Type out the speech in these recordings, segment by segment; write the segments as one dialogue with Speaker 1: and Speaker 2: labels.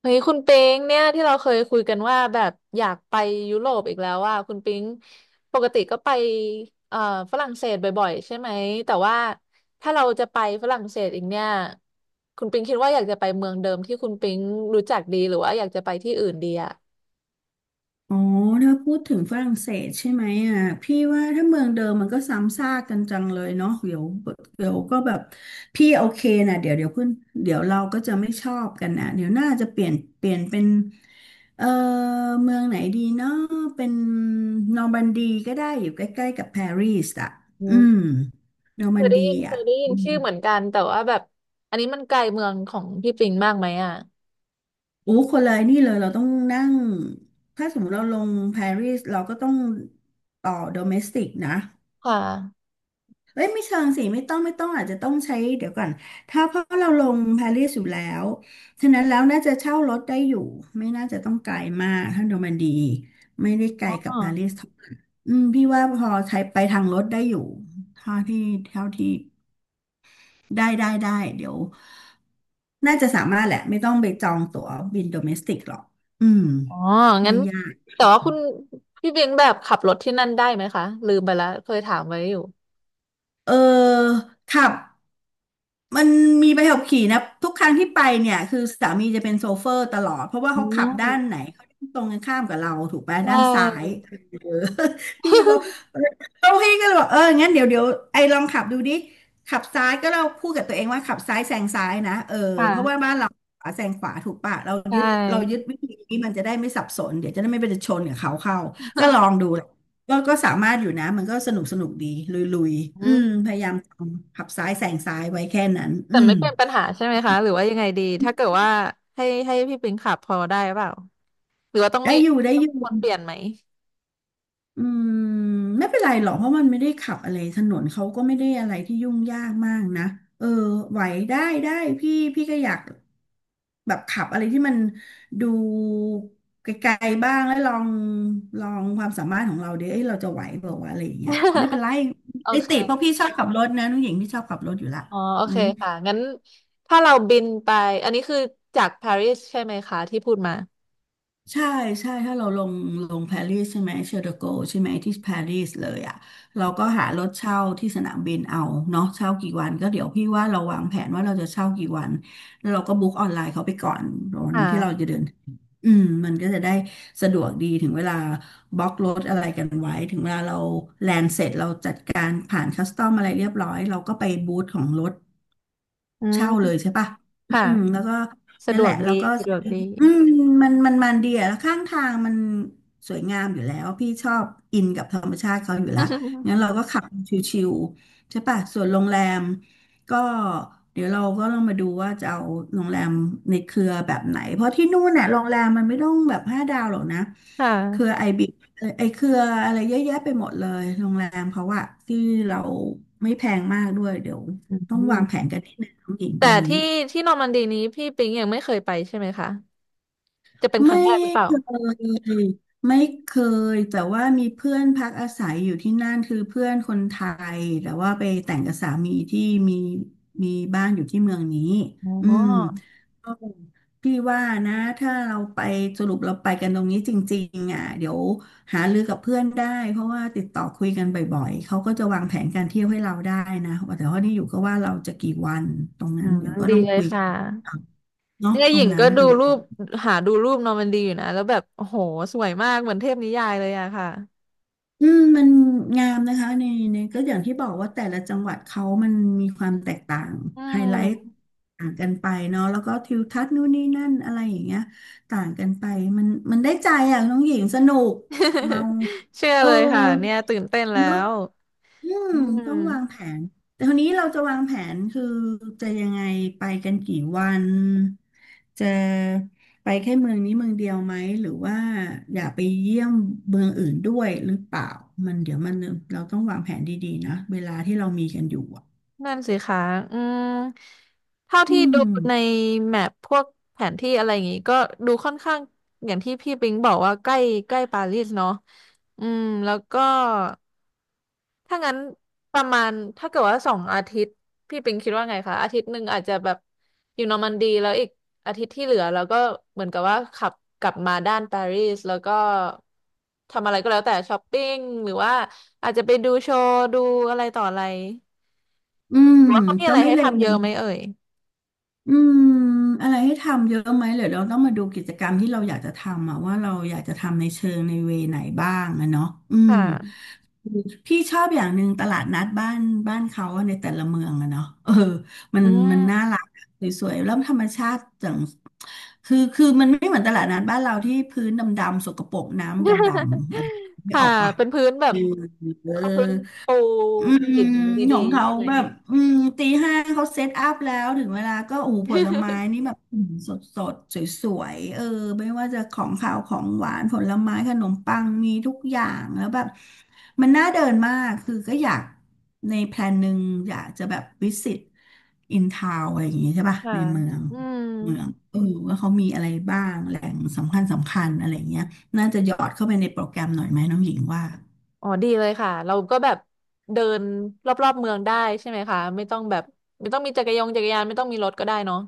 Speaker 1: เฮ้ยคุณปิงเนี่ยที่เราเคยคุยกันว่าแบบอยากไปยุโรปอีกแล้วว่าคุณปิงปกติก็ไปเอ่อฝรั่งเศสบ่อยๆใช่ไหมแต่ว่าถ้าเราจะไปฝรั่งเศสอีกเนี่ยคุณปิงคิดว่าอยากจะไปเมืองเดิมที่คุณปิงรู้จักดีหรือว่าอยากจะไปที่อื่นดีอ่ะ
Speaker 2: อ๋อถ้าพูดถึงฝรั่งเศสใช่ไหมอ่ะพี่ว่าถ้าเมืองเดิมมันก็ซ้ำซากกันจังเลยเนาะเดี๋ยวเดี๋ยวก็แบบพี่โอเคนะเดี๋ยวเดี๋ยวขึ้นเดี๋ยวเราก็จะไม่ชอบกันนะเดี๋ยวน่าจะเปลี่ยนเปลี่ยนเป็นเออเมืองไหนดีเนาะเป็นนอร์มันดีก็ได้อยู่ใกล้ๆกับปารีสอ่ะ
Speaker 1: อื
Speaker 2: อืม
Speaker 1: ม
Speaker 2: นอร์
Speaker 1: เค
Speaker 2: มั
Speaker 1: ย
Speaker 2: น
Speaker 1: ได้
Speaker 2: ดี
Speaker 1: ยินเค
Speaker 2: อ่ะ
Speaker 1: ยได้ยินชื่อเหมือนกันแต่ว่าแบบอันนี้มันไกลเมืองของพี่ปิงมากไหมอ่ะ
Speaker 2: โอ้คนเลยนี่เลยเราต้องนั่งถ้าสมมติเราลงปารีสเราก็ต้องต่อโดเมสติกนะ
Speaker 1: ค่ะ
Speaker 2: เอ้ยไม่เชิงสิไม่ต้องไม่ต้องอาจจะต้องใช้เดี๋ยวก่อนถ้าเพราะเราลงปารีสอยู่แล้วฉะนั้นแล้วน่าจะเช่ารถได้อยู่ไม่น่าจะต้องไกลมากถ้าโนมันดีไม่ได้ไกล
Speaker 1: อ๋อ
Speaker 2: กับปารีสเท่าไหร่อืมพี่ว่าพอใช้ไปทางรถได้อยู่เท่าที่เท่าที่ได้เดี๋ยวน่าจะสามารถแหละไม่ต้องไปจองตั๋วบินโดเมสติกหรอกอืม
Speaker 1: อ๋องั้
Speaker 2: ไม่
Speaker 1: น
Speaker 2: ยาก
Speaker 1: แต่ว่าคุณพี่เบงแบบขับรถที่นั่นได้ไหมคะลืมไปแล้วเคยถามไว้อยู่
Speaker 2: เออขับ มันมีใบขับขี่นะทุกครั้งที่ไปเนี่ยคือสามีจะเป็นโชเฟอร์ตลอดเพราะว่า
Speaker 1: อื
Speaker 2: เขาขับด้านไหน
Speaker 1: ม
Speaker 2: เขาตรงกันข้ามกับเราถูกไหม
Speaker 1: ใช่
Speaker 2: ด้านซ้าย เออพี่บอก เราพี่ก็เลยบอกงั้นเดี๋ยวเดี๋ยวไอ้ลองขับดูดิขับซ้ายก็เราพูดกับตัวเองว่าขับซ้ายแซงซ้ายนะเออเพราะว่า
Speaker 1: ค่ะ
Speaker 2: บ้านเราขวาแซงขวาถูกปะเรา
Speaker 1: ใช่
Speaker 2: ยึดเรายึดวิธีนี้มันจะได้ไม่สับสนเดี๋ยวจะได้ไม่ไปชนกับเขาเข้าก็ลองดู ก็สามารถอยู่นะมันก็สนุกดีลุย
Speaker 1: อื
Speaker 2: ๆอืมพ
Speaker 1: ม
Speaker 2: ยายามทำขับซ้ายแซงซ้ายไว้แค่นั้น
Speaker 1: แต่
Speaker 2: อืม
Speaker 1: ไม่เป็นปัญหาใช่ไหมคะหรือว่ายังไงดีถ้าเกิดว่าให้พี่เบงขับพอได้เปล่าหรือว่าต้อง
Speaker 2: ได้
Speaker 1: มี
Speaker 2: อยู่ได้
Speaker 1: ต้อง
Speaker 2: อยู่
Speaker 1: มีคนเปลี่ยนไหม
Speaker 2: อืมไม่เป็นไรหรอกเพราะมันไม่ได้ขับอะไรถนนเขาก็ไม่ได้อะไรที่ยุ่งยากมากนะเออไหวได้ได้พี่ก็อยากแบบขับอะไรที่มันดูไกลๆบ้างแล้วลองความสามารถของเราดิเอ้ยเราจะไหวเปล่าวะอะไรอย่างเงี้ยไม่เป็นไร
Speaker 1: โอ
Speaker 2: ไอ้
Speaker 1: เค
Speaker 2: ติเพราะพี่ชอบขับรถนะน้องหญิงที่ชอบขับรถอยู่ละ
Speaker 1: อ๋อโอเค
Speaker 2: งั้น
Speaker 1: ค่ะงั้นถ้าเราบินไปอันนี้คือจากปารีสใช่ไหมคะที่พูดมา
Speaker 2: ใช่ใช่ถ้าเราลงลงปารีสใช่ไหมเชอร์โดโกใช่ไหมที่ปารีสเลยอ่ะเราก็หารถเช่าที่สนามบินเอาเนาะเช่ากี่วันก็เดี๋ยวพี่ว่าเราวางแผนว่าเราจะเช่ากี่วันเราก็บุ๊กออนไลน์เขาไปก่อนวั
Speaker 1: ค
Speaker 2: นที่เราจะ
Speaker 1: ่ะ
Speaker 2: เดินอืมมันก็จะได้สะดวกดีถึงเวลาบล็อกรถอะไรกันไว้ถึงเวลาเราแลนด์เสร็จเราจัดการผ่านคัสตอมอะไรเรียบร้อยเราก็ไปบูธของรถ
Speaker 1: อื
Speaker 2: เช่าเลย
Speaker 1: ม
Speaker 2: ใช่ปะอื
Speaker 1: ค่ะ
Speaker 2: มแล้วก็
Speaker 1: สะ
Speaker 2: นั่
Speaker 1: ด
Speaker 2: นแห
Speaker 1: วก
Speaker 2: ละ
Speaker 1: ดี
Speaker 2: แล้วก็
Speaker 1: สะดวกดี
Speaker 2: อืมมันดีอะแล้วข้างทางมันสวยงามอยู่แล้วพี่ชอบอินกับธรรมชาติเขาอยู่แล้วงั้ นเราก็ขับชิวๆใช่ปะส่วนโรงแรมก็เดี๋ยวเราก็ต้องมาดูว่าจะเอาโรงแรมในเครือแบบไหน เพราะที่นู่นน่ะโรงแรมมันไม่ต้องแบบห้าดาวหรอกนะ
Speaker 1: ค่
Speaker 2: เครือ
Speaker 1: ะ
Speaker 2: ไอบิไอเครืออะไรเยอะแยะไปหมดเลยโรงแรมเขาอะที่เราไม่แพงมากด้วยเดี๋ยว
Speaker 1: อื
Speaker 2: ต้องวางแผน
Speaker 1: ม
Speaker 2: กันนิดนึงน้องหญิงต
Speaker 1: แต่
Speaker 2: รงนี้
Speaker 1: ที่นอร์มันดีนี้พี่ปิงยังไม่เคยไปใช่ไหมคะจะเป็นค
Speaker 2: ไม่
Speaker 1: รั้งแรกหรือเปล่า
Speaker 2: เคยไม่เคยแต่ว่ามีเพื่อนพักอาศัยอยู่ที่นั่นคือเพื่อนคนไทยแต่ว่าไปแต่งกับสามีที่มีมีบ้านอยู่ที่เมืองนี้
Speaker 1: อ๋
Speaker 2: อืม
Speaker 1: อ
Speaker 2: พี่ว่านะถ้าเราไปสรุปเราไปกันตรงนี้จริงๆอ่ะเดี๋ยวหารือกับเพื่อนได้เพราะว่าติดต่อคุยกันบ่อยๆเขาก็จะวางแผนการเที่ยวให้เราได้นะแต่ว่านี่อยู่ก็ว่าเราจะกี่วันตรง
Speaker 1: อื
Speaker 2: นั้น
Speaker 1: ม
Speaker 2: เดี๋ยวก็
Speaker 1: ดี
Speaker 2: ต้อง
Speaker 1: เลย
Speaker 2: คุยก
Speaker 1: ค่ะ
Speaker 2: ัน เนาะ
Speaker 1: เนี่ย
Speaker 2: ต
Speaker 1: ห
Speaker 2: ร
Speaker 1: ญิ
Speaker 2: ง
Speaker 1: ง
Speaker 2: นั้
Speaker 1: ก็
Speaker 2: น
Speaker 1: ดู
Speaker 2: ดู
Speaker 1: รูปหาดูรูปนอร์มันดีอยู่นะแล้วแบบโอ้โหสวยมากเหมือนเทพนิยายเลยอะค่ะ
Speaker 2: อืมมันงามนะคะในก็อย่างที่บอกว่าแต่ละจังหวัดเขามันมีความแตกต่าง
Speaker 1: อื
Speaker 2: ไฮไลท์
Speaker 1: ม
Speaker 2: ต่างกันไปเนาะแล้วก็ทิวทัศน์นู่นนี่นั่นอะไรอย่างเงี้ยต่างกันไปมันมันได้ใจอ่ะน้องหญิงสนุกเมา
Speaker 1: เชื่อ
Speaker 2: เออ
Speaker 1: เลยค่ะเนี่ยตื่นเต้นแล้
Speaker 2: เนาะ
Speaker 1: ว
Speaker 2: อืม
Speaker 1: อื
Speaker 2: ต้
Speaker 1: ม
Speaker 2: องวางแผนแต่ทีนี้เราจะวางแผนคือจะยังไงไปกันกี่วันจะไปแค่เมืองนี้เมืองเดียวไหมหรือว่าอยากไปเยี่ยมเมืองอื่นด้วยหรือเปล่ามันเดี๋ยวมันเราต้องวางแผนดีๆนะเวลาที่เรามีกันอยู่อะ
Speaker 1: นั่นสิคะอืมเท่า
Speaker 2: อื
Speaker 1: ที่ดู
Speaker 2: ม
Speaker 1: ในแมพพวกแผนที่อะไรอย่างงี้ก็ดูค่อนข้างอย่างที่พี่ปิงบอกว่าใกล้ใกล้ปารีสเนาะอืมแล้วก็ถ้างั้นประมาณถ้าเกิดว่าสองอาทิตย์พี่ปิงคิดว่าไงคะอาทิตย์หนึ่งอาจจะแบบอยู่นอร์มันดีแล้วอีกอาทิตย์ที่เหลือแล้วก็เหมือนกับว่าขับกลับมาด้านปารีสแล้วก็ทำอะไรก็แล้วแต่ช้อปปิ้งหรือว่าอาจจะไปดูโชว์ดูอะไรต่ออะไร
Speaker 2: อืม
Speaker 1: หรือว่าเขามี
Speaker 2: ก็
Speaker 1: อะไร
Speaker 2: ไม่
Speaker 1: ให้
Speaker 2: เล
Speaker 1: ทำเยอะไหม
Speaker 2: ว
Speaker 1: เอ่ย
Speaker 2: อืมอะไรให้ทำเยอะไหมเดี๋ยวเราต้องมาดูกิจกรรมที่เราอยากจะทำอะว่าเราอยากจะทำในเชิงในเวไหนบ้างอะเนาะอื
Speaker 1: ค่
Speaker 2: ม
Speaker 1: ะ
Speaker 2: พี่ชอบอย่างหนึ่งตลาดนัดบ้านเขาอะในแต่ละเมืองอะเนาะเออมั
Speaker 1: อื
Speaker 2: นมันน่า
Speaker 1: ม
Speaker 2: รักสวยๆแล้วธรรมชาติจังคือมันไม่เหมือนตลาดนัดบ้านเราที่พื้นดำๆสกปรกน้ำดำๆ อะไรไม่
Speaker 1: ค่ะ
Speaker 2: ออกปะ
Speaker 1: เป็นพื้นแบ
Speaker 2: เอ
Speaker 1: บ
Speaker 2: อ
Speaker 1: เขาพื้นปู
Speaker 2: อืม
Speaker 1: หิน
Speaker 2: ข
Speaker 1: ดี
Speaker 2: อง
Speaker 1: ๆ
Speaker 2: เขา
Speaker 1: ใช่ไหม
Speaker 2: แบบอืมตี 5เขาเซตอัพแล้วถึงเวลาก็โอ้โหผลไม้ นี่แบบสดสดสวยๆเออไม่ว่าจะของข่าวของหวานผลไม้ขนมปังมีทุกอย่างแล้วแบบมันน่าเดินมากคือก็อยากในแพลนหนึ่งอยากจะแบบวิสิตอินทาวอะไรอย่างงี้ใช่ป่ะ
Speaker 1: ค่ะ
Speaker 2: ในเมือง
Speaker 1: อืม
Speaker 2: เออว่าเขามีอะไรบ้างแหล่งสำคัญสำคัญอะไรอย่างเงี้ยน่าจะหยอดเข้าไปในโปรแกรมหน่อยไหมน้องหญิงว่า
Speaker 1: อ๋อดีเลยค่ะเราก็แบบเดินรอบๆเมืองได้ใช่ไหมคะไม่ต้องแบบไม่ต้องมีจักรยงจักรยานไม่ต้องมีรถก็ได้เนาะ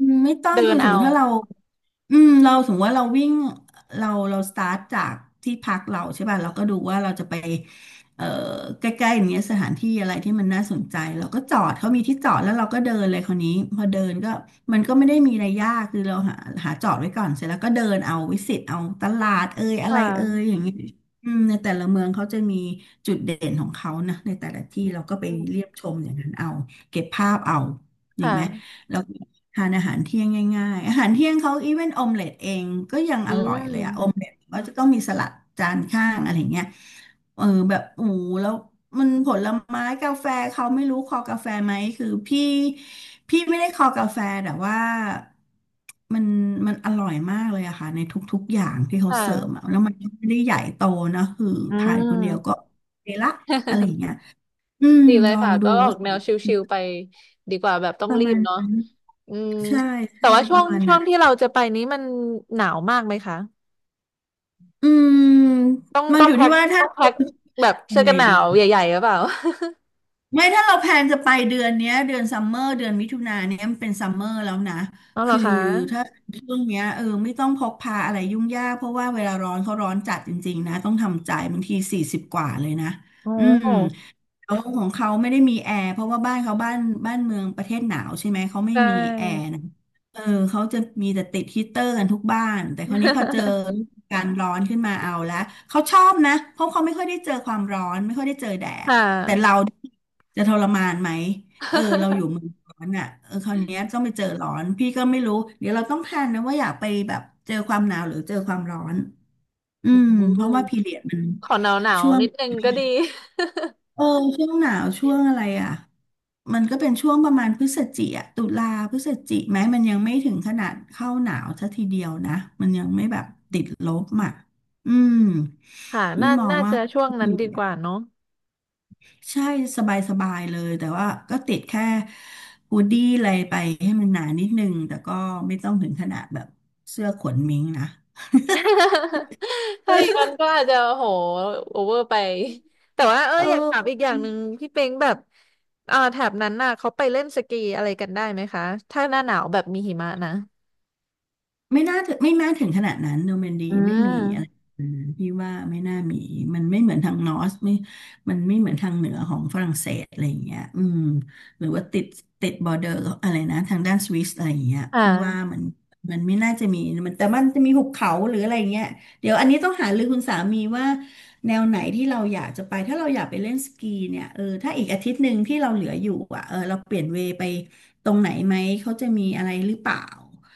Speaker 2: อืมไม่ต้อง
Speaker 1: เดิ
Speaker 2: คื
Speaker 1: น
Speaker 2: อสม
Speaker 1: เอา
Speaker 2: มุติถ้าเราอืมเราสมมติว่าเราวิ่งเราสตาร์ทจากที่พักเราใช่ป่ะเราก็ดูว่าเราจะไปเอ่อใกล้ๆอย่างเงี้ยสถานที่อะไรที่มันน่าสนใจเราก็จอดเขามีที่จอดแล้วเราก็เดินเลยคราวนี้พอเดินก็มันก็ไม่ได้มีอะไรยากคือเราหาจอดไว้ก่อนเสร็จแล้วก็เดินเอาวิสิตเอาตลาดเอ่ยอะ
Speaker 1: ค่
Speaker 2: ไรเอ่ย
Speaker 1: ะ
Speaker 2: อย่างเงี้ยอืมในแต่ละเมืองเขาจะมีจุดเด่นของเขานะในแต่ละ
Speaker 1: อ
Speaker 2: ที่เราก็ไป
Speaker 1: ื
Speaker 2: เรี
Speaker 1: ม
Speaker 2: ยบชมอย่างนั้นเอาเก็บภาพเอาจริงไหม
Speaker 1: ค่ะ
Speaker 2: แล้วก็ทานอาหารเที่ยงง่ายๆอาหารเที่ยงเขาอีเวนออมเล็ตเองก็ยัง
Speaker 1: อื
Speaker 2: อร่อยเลยอะออม
Speaker 1: ม
Speaker 2: เล็ตก็จะต้องมีสลัดจานข้างอะไรเงี้ยเออแบบโอ้โหแล้วมันผลไม้กาแฟเขาไม่รู้คอกาแฟไหมคือพี่ไม่ได้คอกาแฟแต่ว่ามันมันอร่อยมากเลยอะค่ะในทุกๆอย่างที่
Speaker 1: ค
Speaker 2: เขาเสิร์ฟ
Speaker 1: ่ะ
Speaker 2: อะแล้วมันก็ไม่ได้ใหญ่โตนะคือ
Speaker 1: อื
Speaker 2: ทานคนเดียวก็
Speaker 1: ม
Speaker 2: โอเคละอะไรอย่างเงี้ยอืม
Speaker 1: ดีเล
Speaker 2: ล
Speaker 1: ย
Speaker 2: อ
Speaker 1: ค่ะ
Speaker 2: งดู
Speaker 1: ก็ออ
Speaker 2: ว่า
Speaker 1: ก
Speaker 2: ส
Speaker 1: แน
Speaker 2: อ
Speaker 1: ว
Speaker 2: ง
Speaker 1: ชิลๆไปดีกว่าแบบต้อ
Speaker 2: ป
Speaker 1: ง
Speaker 2: ระ
Speaker 1: รี
Speaker 2: มา
Speaker 1: บ
Speaker 2: ณ
Speaker 1: เนาะ
Speaker 2: นั้น
Speaker 1: อืม
Speaker 2: ใช่
Speaker 1: แต่
Speaker 2: ใช่
Speaker 1: ว่า
Speaker 2: ป
Speaker 1: ช่ว
Speaker 2: ระ
Speaker 1: ง
Speaker 2: มาณ
Speaker 1: ช่
Speaker 2: นั้
Speaker 1: วง
Speaker 2: น
Speaker 1: ที่เราจะไปนี้มันหนาวมากไหมคะ
Speaker 2: อืม
Speaker 1: ต้อง
Speaker 2: มัน
Speaker 1: ต้อ
Speaker 2: อ
Speaker 1: ง
Speaker 2: ยู่
Speaker 1: แพ็
Speaker 2: ที่
Speaker 1: ค
Speaker 2: ว่าถ้า
Speaker 1: ต้องแพ็
Speaker 2: เรา
Speaker 1: คแบบ
Speaker 2: ยั
Speaker 1: เสื้
Speaker 2: ง
Speaker 1: อ
Speaker 2: ไง
Speaker 1: กันหนา
Speaker 2: ดี
Speaker 1: วใหญ่ๆหรือเปล่า
Speaker 2: ไม่ถ้าเราแพลนจะไปเดือนเนี้ยเดือนซัมเมอร์เดือนมิถุนาเนี้ยมันเป็นซัมเมอร์แล้วนะ
Speaker 1: อ๋อเหรอ
Speaker 2: คือ
Speaker 1: คะ
Speaker 2: ถ้าช่วงเนี้ยเออไม่ต้องพกพาอะไรยุ่งยากเพราะว่าเวลาร้อนเขาร้อนจัดจริงๆนะต้องทำใจบางที40กว่าเลยนะ
Speaker 1: โ
Speaker 2: อืม
Speaker 1: อ้
Speaker 2: เขาของเขาไม่ได้มีแอร์เพราะว่าบ้านเขาบ้านเมืองประเทศหนาวใช่ไหมเขาไม่
Speaker 1: ใช
Speaker 2: มีแอร์
Speaker 1: ่
Speaker 2: นะเออเขาจะมีแต่ติดฮีตเตอร์กันทุกบ้านแต่คราวนี้พอเจอ การร้อนขึ้นมาเอาละเขาชอบนะเพราะเขาไม่ค่อยได้เจอความร้อนไม่ค่อยได้เจอแดด
Speaker 1: ค่ะ
Speaker 2: แต่เราจะทรมานไหมเออเราอยู่เมือง ร้อนอ่ะเออคราวนี้ต้องไปเจอร้อนพี่ก็ไม่รู้เดี๋ยวเราต้องแพลนนะว่าอยากไปแบบเจอความหนาวหรือเจอความร้อนอื
Speaker 1: อื
Speaker 2: มเพ
Speaker 1: ม
Speaker 2: ราะว่าพีเรียดมัน
Speaker 1: ขอหนาว
Speaker 2: ช่ว
Speaker 1: ๆ
Speaker 2: ง
Speaker 1: นิดนึงก็ดี
Speaker 2: เออช่วงหนาวช่วงอะไรอ่ะมันก็เป็นช่วงประมาณพฤศจิอ่ะตุลาพฤศจิไหมมันยังไม่ถึงขนาดเข้าหนาวซะทีเดียวนะมันยังไม่แบบติดลบอ่ะอืม
Speaker 1: ค่ะ
Speaker 2: พี่
Speaker 1: น่า
Speaker 2: มอง
Speaker 1: น่า
Speaker 2: ว่า
Speaker 1: จะช่วงนั้
Speaker 2: ดี
Speaker 1: นดีก
Speaker 2: อะ
Speaker 1: ว่าเนาะ
Speaker 2: ใช่สบายสบายเลยแต่ว่าก็ติดแค่ฮูดดี้อะไรไปให้มันหนานิดนึงแต่ก็ไม่ต้องถึงขนาดแบบเสื้อขนมิงนะ
Speaker 1: ถ้าอย่างนั้น ก็อาจจะโหโอเวอร์ไปแต่ว่าเออ
Speaker 2: เอ
Speaker 1: อยาก
Speaker 2: อ
Speaker 1: ถามอีกอย่างหนึ่งพี่เป็งแบบแถบนั้นน่ะเขาไปเล่นสกีอะไรกันได้ไหมคะถ้าหน้าหนาวแบบมีหิมะนะ
Speaker 2: ไม่น่าถึงไม่น่าถึงขนาดนั้นโนแมนดี
Speaker 1: อื
Speaker 2: ไม่มีอะไร
Speaker 1: ม
Speaker 2: อืมพี่ว่าไม่น่ามีมันไม่เหมือนทางนอร์สไม่มันไม่เหมือนทางเหนือของฝรั่งเศสอะไรอย่างเงี้ยอืมหรือว่าติดบอร์เดอร์อะไรนะทางด้านสวิสอะไรอย่างเงี้ย
Speaker 1: ค่
Speaker 2: พี่ว่า
Speaker 1: ะ
Speaker 2: มันไม่น่าจะมีมันแต่มันจะมีหุบเขาหรืออะไรอย่างเงี้ยเดี๋ยวอันนี้ต้องหารือคุณสามีว่าแนวไหนที่เราอยากจะไปถ้าเราอยากไปเล่นสกีเนี่ยเออถ้าอีกอาทิตย์หนึ่งที่เราเหลืออยู่อ่ะเออเราเปลี่ยนเวย์ไปตรงไหนไหมเขาจะมีอะไรหรือเปล่า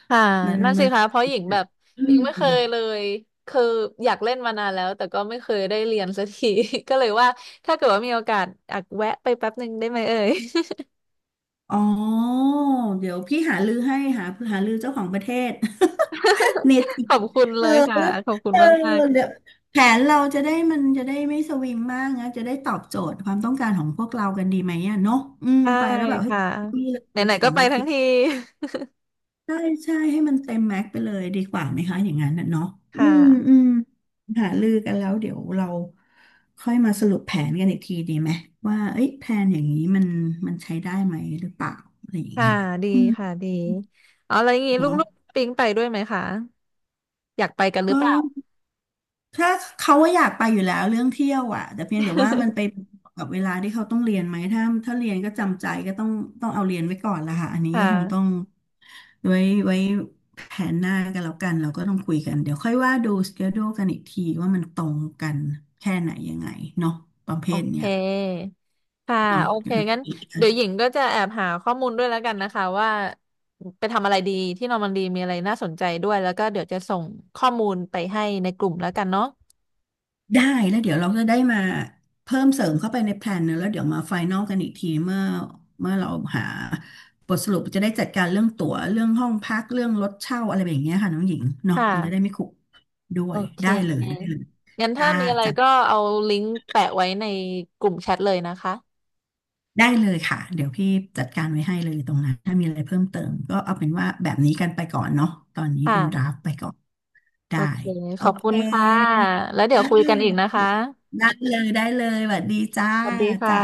Speaker 1: ค่ะ
Speaker 2: มัน
Speaker 1: นั่นสิ
Speaker 2: มัน
Speaker 1: คะเพราะหญิงแบบ
Speaker 2: อื
Speaker 1: ยังไม่เคยเล
Speaker 2: ม
Speaker 1: ยคืออยากเล่นมานานแล้วแต่ก็ไม่เคยได้เรียนสักที ก็เลยว่าถ้าเกิดว่ามีโอกาสอยากแวะไปแป๊บหนึ่งได้ไหมเอ่ย
Speaker 2: อ๋อ เดี๋ยวพี่หาลือให้หาหาลือเจ้าของประเทศ เนที
Speaker 1: ขอบคุณเล
Speaker 2: เออ
Speaker 1: ยค่ะขอบคุณ
Speaker 2: เออ
Speaker 1: มาก
Speaker 2: เดี๋ยวแผนเราจะได้มันจะได้ไม่สวิงมากนะจะได้ตอบโจทย์ความต้องการของพวกเรากันดีไหมอ่ะเนาะอื
Speaker 1: ๆ
Speaker 2: ม
Speaker 1: ได้
Speaker 2: ไปแล้วแบบให้
Speaker 1: ค่ะ
Speaker 2: พี่เล
Speaker 1: ไห
Speaker 2: ย
Speaker 1: นๆ
Speaker 2: ส
Speaker 1: ก็
Speaker 2: อง
Speaker 1: ไป
Speaker 2: อา
Speaker 1: ทั้
Speaker 2: ทิ
Speaker 1: ง
Speaker 2: ตย์
Speaker 1: ที
Speaker 2: ใช่ใช่ให้มันเต็มแม็กไปเลยดีกว่าไหมคะอย่างนั้นน่ะเนาะอื
Speaker 1: ค่
Speaker 2: มอื
Speaker 1: ะ
Speaker 2: มหารือกันแล้วเดี๋ยวเราค่อยมาสรุปแผนกันอีกทีดีไหมว่าเอ้ยแผนอย่างนี้มันใช้ได้ไหมหรือเปล่าอะไรอย่าง
Speaker 1: ค่ะ
Speaker 2: เงี้ย
Speaker 1: ดี
Speaker 2: อืม
Speaker 1: ค่ะดีอ๋อแล้วอย่างงี้
Speaker 2: เนาะ
Speaker 1: ลูกๆปิ๊งไปด้วยไหมคะอยากไปกันหรื
Speaker 2: ก็
Speaker 1: อเปล่า
Speaker 2: ถ้าเขาว่าอยากไปอยู่แล้วเรื่องเที่ยวอ่ะแต่เพียงแต่ว่ามันไปกับเวลาที่เขาต้องเรียนไหมถ้าเรียนก็จำใจก็ต้องเอาเรียนไว้ก่อนละค่ะอัน นี้
Speaker 1: ค
Speaker 2: ก็คงต้อ
Speaker 1: ่ะ
Speaker 2: งไว้ไว้แผนหน้ากันแล้วกันเราก็ต้องคุยกันเดี๋ยวค่อยว่าดูสเกจ e กันอีกทีว่ามันตรงกันแค่ไหนยังไงเนาะประเภ
Speaker 1: โอ
Speaker 2: ท
Speaker 1: เค
Speaker 2: เนี้ย
Speaker 1: ค่ะ
Speaker 2: เนาะ
Speaker 1: โอเค
Speaker 2: เดี๋ยวเร
Speaker 1: งั้นเดี๋
Speaker 2: า
Speaker 1: ยวหญิงก็จะแอบหาข้อมูลด้วยแล้วกันนะคะว่าไปทำอะไรดีที่นอร์มันดีมีอะไรน่าสนใจด้วยแล้วก็เดี๋ยวจะส่งข้อมูลไปให้ในกลุ่มแล้วกันเนาะ
Speaker 2: ได้แล้วเดี๋ยวเราจะได้มาเพิ่มเสริมเข้าไปในแพลนเนอะแล้วเดี๋ยวมาไฟนอลกันอีกทีเมื่อเราหาบทสรุปจะได้จัดการเรื่องตั๋วเรื่องห้องพักเรื่องรถเช่าอะไรแบบเนี้ยค่ะน้องหญิงเนาะ
Speaker 1: ค่
Speaker 2: มันจะได้ไม่
Speaker 1: ะ
Speaker 2: ขลุกด้ว
Speaker 1: โอ
Speaker 2: ย
Speaker 1: เค
Speaker 2: ได้เลยได้เลย
Speaker 1: งั้นถ้า
Speaker 2: จ้า
Speaker 1: มีอะไร
Speaker 2: จัด
Speaker 1: ก็เอาลิงก์แปะไว้ในกลุ่มแชทเลยนะคะ
Speaker 2: ได้เลยค่ะเดี๋ยวพี่จัดการไว้ให้เลยตรงนั้นถ้ามีอะไรเพิ่มเติมก็เอาเป็นว่าแบบนี้กันไปก่อนเนาะตอนนี้
Speaker 1: ค่ะ
Speaker 2: เป็นดราฟไปก่อน
Speaker 1: โอ
Speaker 2: ได้
Speaker 1: เค
Speaker 2: โอ
Speaker 1: ขอบ
Speaker 2: เค
Speaker 1: คุณค่ะ แล้ว
Speaker 2: ไ
Speaker 1: เดี๋ยวคุยกันอีกนะ
Speaker 2: ด้
Speaker 1: คะ
Speaker 2: ได้เลยได้เลยสวัสดีจ้า
Speaker 1: สวัสดีค่ะ
Speaker 2: จ้า